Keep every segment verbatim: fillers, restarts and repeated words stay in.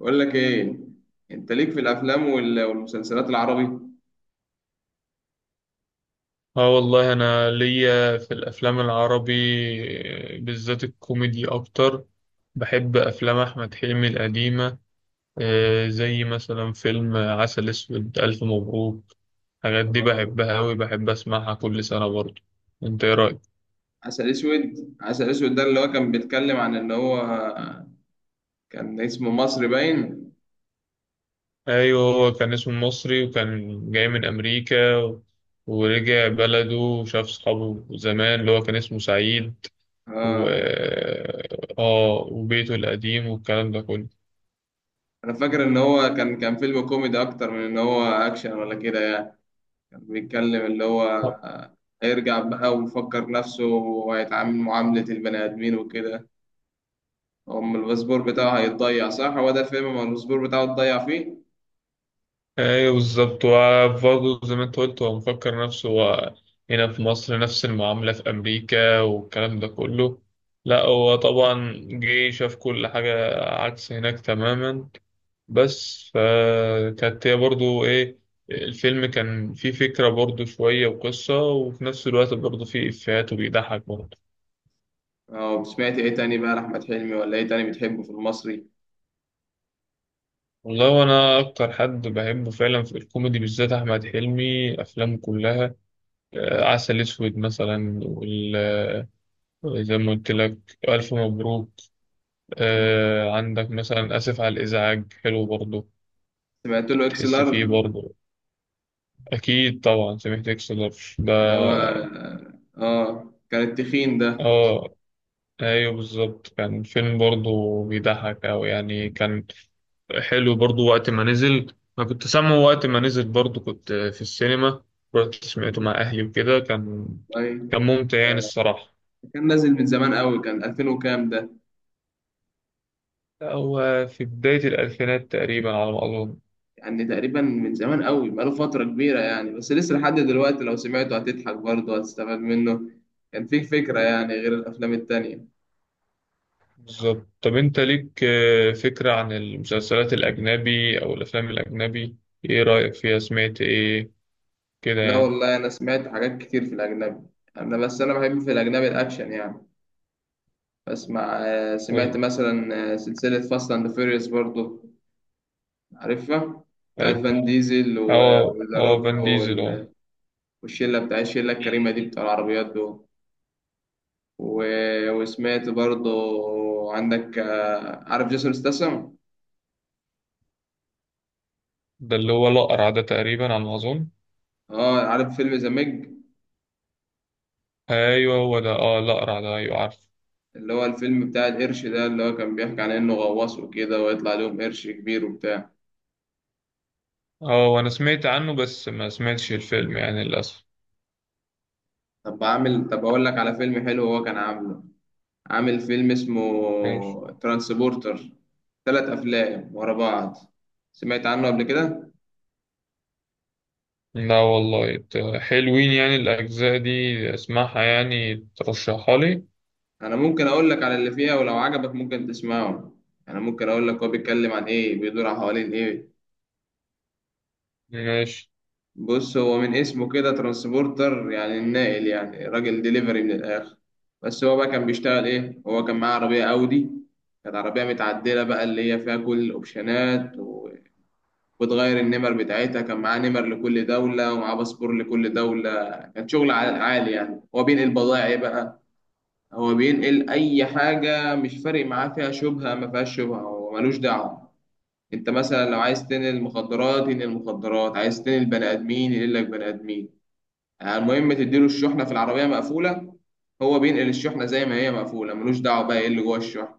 بقول لك ايه. انت ليك في الافلام وال- والمسلسلات العربي؟ اه والله انا ليا في الافلام العربي. آه، بالذات الكوميدي اكتر. بحب افلام احمد حلمي القديمه. آه، زي مثلا فيلم عسل اسود الف مبروك. الحاجات دي بحبها اوي، بحب اسمعها كل سنه برضه. انت ايه رايك؟ عسل اسود، عسل اسود ده اللي هو كان بيتكلم عن ان هو كان اسمه مصر باين. ايوه، هو كان اسمه مصري وكان جاي من امريكا و- ورجع بلده وشاف صحابه زمان اللي هو كان اسمه سعيد و اه، اه وبيته القديم والكلام ده كله. انا فاكر ان هو كان كان فيلم كوميدي اكتر من ان هو اكشن ولا كده يعني. كان بيتكلم اللي هو آه، هيرجع بقى ويفكر نفسه وهيتعامل معاملة البني ادمين وكده. هم الباسبور بتاعه هيتضيع؟ صح، هو ده الفيلم، ما الباسبور بتاعه اتضيع فيه. ايوه بالظبط، وبرضه زي ما انت قلت هو مفكر نفسه هو هنا في مصر نفس المعاملة في أمريكا، والكلام ده كله. لا، هو طبعا جه شاف كل حاجة عكس هناك تماما. بس فكانت هي برضه ايه؟ الفيلم كان فيه فكرة برضه شوية وقصة، وفي نفس الوقت برضه فيه إفيهات وبيضحك برضه. أو سمعت إيه تاني بقى لأحمد حلمي ولا إيه تاني بتحبه في المصري؟ والله، وأنا أكتر حد بحبه فعلا في الكوميدي بالذات أحمد حلمي، أفلامه كلها. آه، عسل أسود مثلا، زي ما قلت لك، ألف مبروك. مم. آه عندك مثلا آسف على الإزعاج، حلو برضه. سمعت له إكس بتحس لارج، فيه برضه. أكيد طبعا سمعت إكسلر اللي ده هو آه كان التخين ده. آه أيوه بالظبط، كان فيلم برضه بيضحك أوي يعني، كان حلو برضه. وقت ما نزل أنا كنت سامعه، وقت ما نزل برضه كنت في السينما، رحت سمعته مع أهلي وكده. كان طيب، كان ممتع يعني آه، الصراحة. كان نازل من زمان قوي، كان ألفين وكام ده. هو في بداية الألفينات تقريبا على ما أظن. يعني تقريبا من زمان قوي، بقاله فترة كبيرة يعني، بس لسه لحد دلوقتي لو سمعته هتضحك برضه، هتستفاد منه. كان فيه فكرة يعني غير الأفلام التانية. بالظبط. طب انت ليك آه، فكرة عن المسلسلات الأجنبي أو الأفلام الأجنبي؟ ايه رأيك فيها؟ سمعت ايه كده لا يعني؟ والله، أنا سمعت حاجات كتير في الأجنبي. أنا بس أنا بحب في الأجنبي الأكشن يعني. بسمع آه، سمعت طيب، مثلا آه، سلسلة فاست أند فيريوس برضو. عارفها؟ بتاعت حلو. فان ديزل و- اه وذا اه فان روك ديزل، اه. وال- والشلة، بتاع الشلة الكريمة دي، بتاع العربيات دول. و- وسمعت برضو، عندك آه، عارف جيسون ستاثام؟ ده اللي هو الأقرع ده تقريبا على ما أظن. اه، عارف فيلم ذا ميج، أيوه هو ده اه الأقرع ده، أيوه عارف. اللي هو الفيلم بتاع القرش ده، اللي هو كان بيحكي عن انه غواص وكده، ويطلع لهم قرش كبير وبتاع. اه، وأنا سمعت عنه بس ما سمعتش الفيلم يعني للأسف. طب عامل طب اقول لك على فيلم حلو، هو كان عامله. عامل فيلم اسمه ماشي. ترانسبورتر، ثلاث أفلام ورا بعض. سمعت عنه قبل كده؟ لا والله، ت- حلوين يعني الأجزاء دي، اسمعها يعني ترشحها لي. أنا ممكن أقول لك على اللي فيها، ولو عجبك ممكن تسمعه. أنا ممكن أقول لك هو بيتكلم عن إيه، بيدور عن حوالين إيه. ماشي. بص، هو من اسمه كده ترانسبورتر يعني الناقل، يعني راجل ديليفري من الآخر. بس هو بقى كان بيشتغل إيه؟ هو كان معاه عربية أودي، كانت عربية متعدلة بقى، اللي هي فيها كل الأوبشنات وتغير النمر بتاعتها. كان معاه نمر لكل دولة ومعاه باسبور لكل دولة. كان شغل عال- عالي يعني. هو بينقل بضائع إيه بقى؟ هو بينقل أي حاجة، مش فارق معاه فيها شبهة ما فيهاش شبهة، هو ملوش دعوة. أنت مثلا لو عايز تنقل مخدرات ينقل مخدرات، عايز تنقل بني آدمين ينقل لك بني آدمين، يعني المهم تديله الشحنة في العربية مقفولة. هو بينقل الشحنة زي ما هي مقفولة، ملوش دعوة بقى إيه اللي جوه الشحنة.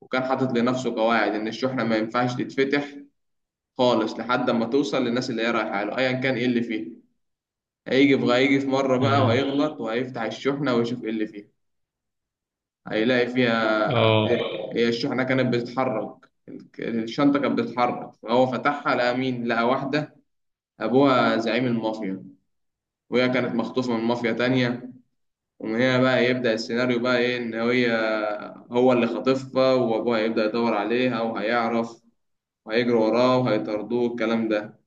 وكان حاطط لنفسه قواعد إن الشحنة ما ينفعش تتفتح خالص لحد ما توصل للناس اللي هي رايحة له أيا كان إيه اللي فيه. هيجي في هيجي في مرة بقى، مم. وهيغلط وهيفتح الشحنة ويشوف إيه اللي فيها. هيلاقي فيها، اه. هي الشحنة كانت بتتحرك، الشنطة كانت بتتحرك، فهو فتحها لقى مين؟ لقى واحدة أبوها زعيم المافيا، وهي كانت مخطوفة من مافيا تانية. ومن هنا بقى يبدأ السيناريو بقى إيه، إن هي هو اللي خاطفها، وأبوها يبدأ يدور عليها وهيعرف، وهيجري وراه وهيطاردوه، الكلام ده.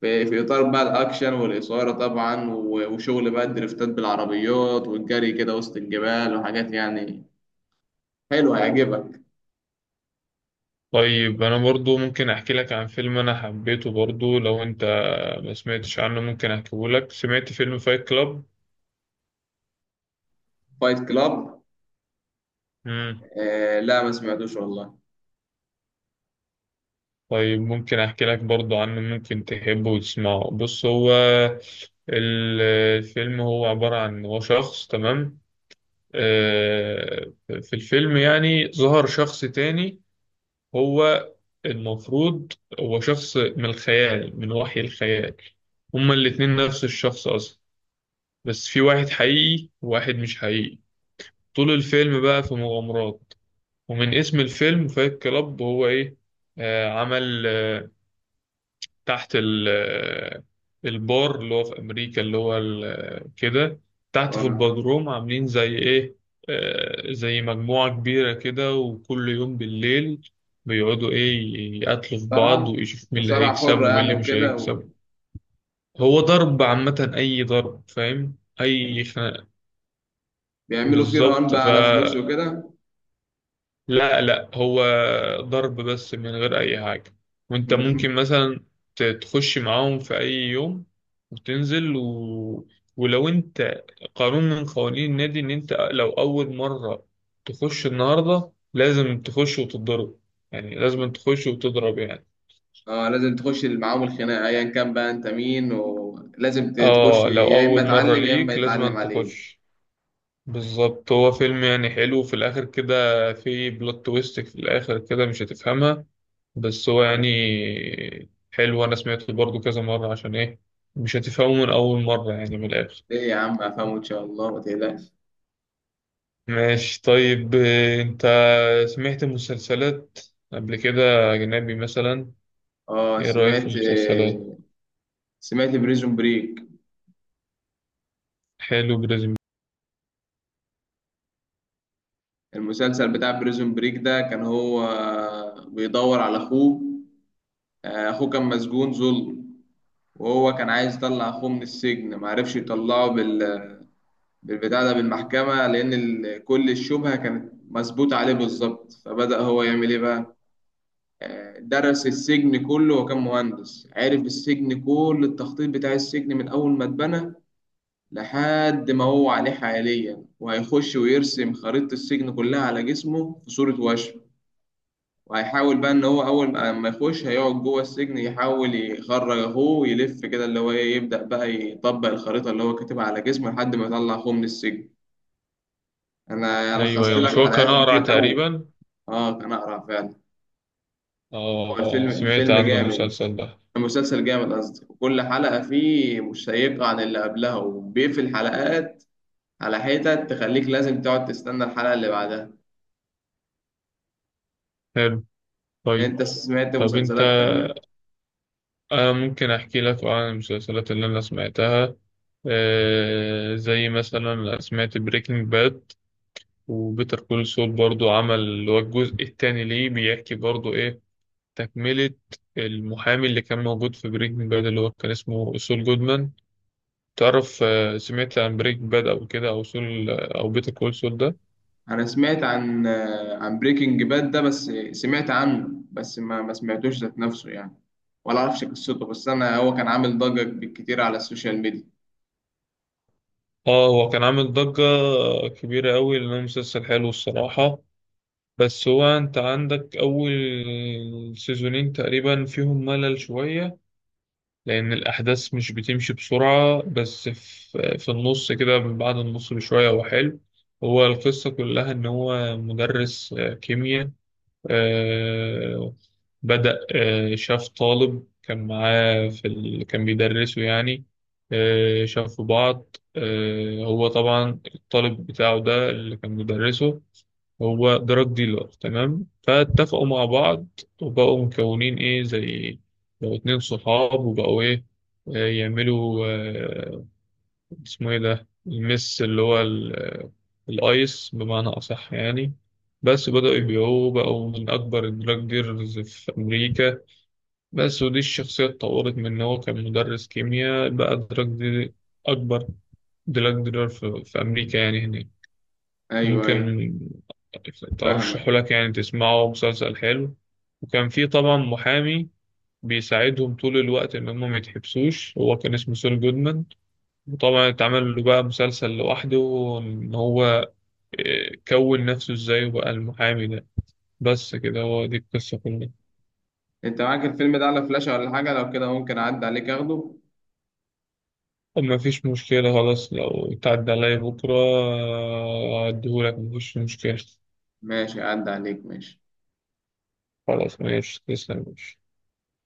في في اطار بقى الاكشن والاثاره طبعا، و- وشغل بقى الدريفتات بالعربيات والجري كده وسط الجبال وحاجات يعني. حلو، هيعجبك. طيب، انا برضو ممكن احكي لك عن فيلم انا حبيته برضو. لو انت ما سمعتش عنه، ممكن احكيه لك. سمعت فيلم فايت كلاب؟ فايت كلاب؟ امم. آه لا ما سمعتوش والله. طيب، ممكن احكي لك برضو عنه، ممكن تحبه وتسمعه. بص هو ال- الفيلم هو عبارة عن هو شخص، تمام. آه، في الفيلم يعني ظهر شخص تاني، هو المفروض هو شخص من الخيال، من وحي الخيال. هما الاتنين نفس الشخص اصلا، بس في واحد حقيقي وواحد مش حقيقي. طول الفيلم بقى في مغامرات، ومن اسم الفيلم فايت كلاب، هو ايه؟ آه عمل آه تحت ال آه البار اللي هو في امريكا، اللي هو ال- آه، كده، تحت في آه، البدروم، عاملين زي ايه؟ آه زي مجموعة كبيرة كده، وكل يوم بالليل بيقعدوا ايه، يقتلوا في بعض مصارعه ويشوف مين اللي مصارعه هيكسب حره ومين يعني اللي مش وكده و- هيكسب. هو ضرب عامة، أي ضرب فاهم، أي خناقة. بيعملوا فيه رهان بالظبط. بقى على فلوس وكده. لا لا، هو ضرب بس من غير أي حاجة. وأنت ممكن مثلا ت- تخش معاهم في أي يوم وتنزل و... ولو أنت قانون من قوانين النادي إن أنت لو أول مرة تخش النهاردة، لازم تخش وتتضرب، يعني لازم تخش وتضرب يعني. اه لازم تخش معاهم الخناقه ايا كان بقى انت مين، ولازم ت- تخش، اه، لو يا اما أول مرة اتعلم يا اما ليك لازم يتعلم عليك. تخش. بالظبط. هو فيلم يعني حلو، وفي الآخر كده في بلوت تويست، في الآخر كده مش هتفهمها، بس هو يعني آه. حلو. أنا سمعته برضو كذا مرة عشان إيه؟ مش هتفهمه من أول مرة يعني من الآخر. ايه يا عم افهمه ان شاء الله، ما تقلقش. ماشي طيب. آه، أنت سمعت مسلسلات قبل كده أجنبي مثلا؟ اه، إيه رأيك في سمعت المسلسلات؟ سمعت بريزون بريك. حلو، بريزم. المسلسل بتاع بريزون بريك ده كان هو بيدور على اخوه. آه، اخوه كان مسجون ظلم، وهو كان عايز يطلع اخوه من السجن، معرفش يطلعه بال... بالبتاع ده، بالمحكمة، لان ال... كل الشبهة كانت مثبوتة عليه بالظبط. فبدأ هو يعمل ايه بقى؟ آه، درس السجن كله، وكان مهندس عرف السجن، كل التخطيط بتاع السجن من اول ما اتبنى لحد ما هو عليه حاليا. وهيخش ويرسم خريطة السجن كلها على جسمه في صورة وشم. وهيحاول بقى إن هو أول ما ما يخش هيقعد جوه السجن يحاول يخرج أخوه ويلف كده، اللي هو إيه، يبدأ بقى يطبق الخريطة اللي هو كاتبها على جسمه لحد ما يطلع أخوه من السجن. أنا أيوه لخصت يعني أيوه، لك، مش كان هو حلقات كان أقرأ أقرع كتير قوي. تقريبا؟ آه كان أقرع فعلا. هو آه الفيلم الفيلم سمعت فيلم عنه جامد جامد. المسلسل ده. المسلسل جامد قصدي، وكل حلقة فيه مشيقة عن اللي قبلها، وبيقفل حلقات على حتة تخليك لازم تقعد تستنى الحلقة اللي بعدها. حلو. طيب. انت سمعت طب أنت مسلسلات تانية؟ آه ممكن أحكي لك عن المسلسلات اللي أنا سمعتها. آه زي مثلا أنا سمعت بريكنج باد، وبيتر كول سول برضو عمل اللي هو الجزء التاني ليه، بيحكي برضو إيه، تكملة المحامي اللي كان موجود في بريكنج باد اللي هو كان اسمه سول جودمان. تعرف آه سمعت عن بريكنج باد أو كده، أو سول، أو بيتر كول سول ده؟ انا سمعت عن آه، عن بريكنج باد ده، بس سمعت عنه بس ما ما سمعتوش ذات نفسه يعني، ولا اعرفش قصته. بس انا هو كان عامل ضجة بالكتير على السوشيال ميديا. آه، هو كان عامل ضجة كبيرة أوي لأنه مسلسل حلو الصراحة. بس هو انت عندك اول سيزونين تقريبا فيهم ملل شوية، لان الاحداث مش بتمشي بسرعة، بس في, في النص كده من بعد النص بشوية هو حلو. هو القصة كلها ان هو مدرس آه، كيمياء. آه، بدأ آه، شاف طالب كان معاه في ال... كان بيدرسه يعني. آه، شافوا بعض. آه، هو طبعا الطالب بتاعه ده اللي كان مدرسه هو دراج ديلر، تمام. فاتفقوا مع بعض، وبقوا مكونين ايه زي لو اتنين صحاب، وبقوا ايه آه، يعملوا آه، اسمه ايه ده المس، اللي هو ال- الايس بمعنى اصح يعني. بس بدأوا يبيعوه، بقوا من أكبر الدراج ديلرز في أمريكا. بس ودي الشخصية اتطورت من إن هو كان مدرس كيمياء بقى دراج دي، أكبر دراج ديلر في, في أمريكا يعني هناك. ايوه ايوه. ممكن فاهمك. أرشحه لك يعني تسمعه، مسلسل حلو. وكان في طبعا محامي بيساعدهم طول الوقت إن هم ما يتحبسوش، هو كان اسمه سول جودمان. وطبعا اتعمل له بقى مسلسل لوحده، إن هو آه، كون نفسه إزاي وبقى المحامي ده. بس كده هو دي القصة كلها. انت معاك الفيلم ده على فلاشة ولا حاجة؟ لو كده ممكن اعدي عليك اخده. طب ما فيش مشكلة، خلاص. لو اتعدى عليا بكرة آه، أديهولك، مفيش مشكلة. ماشي، اعدي عليك ماشي. خلاص ماشي، تسلم، ماشي.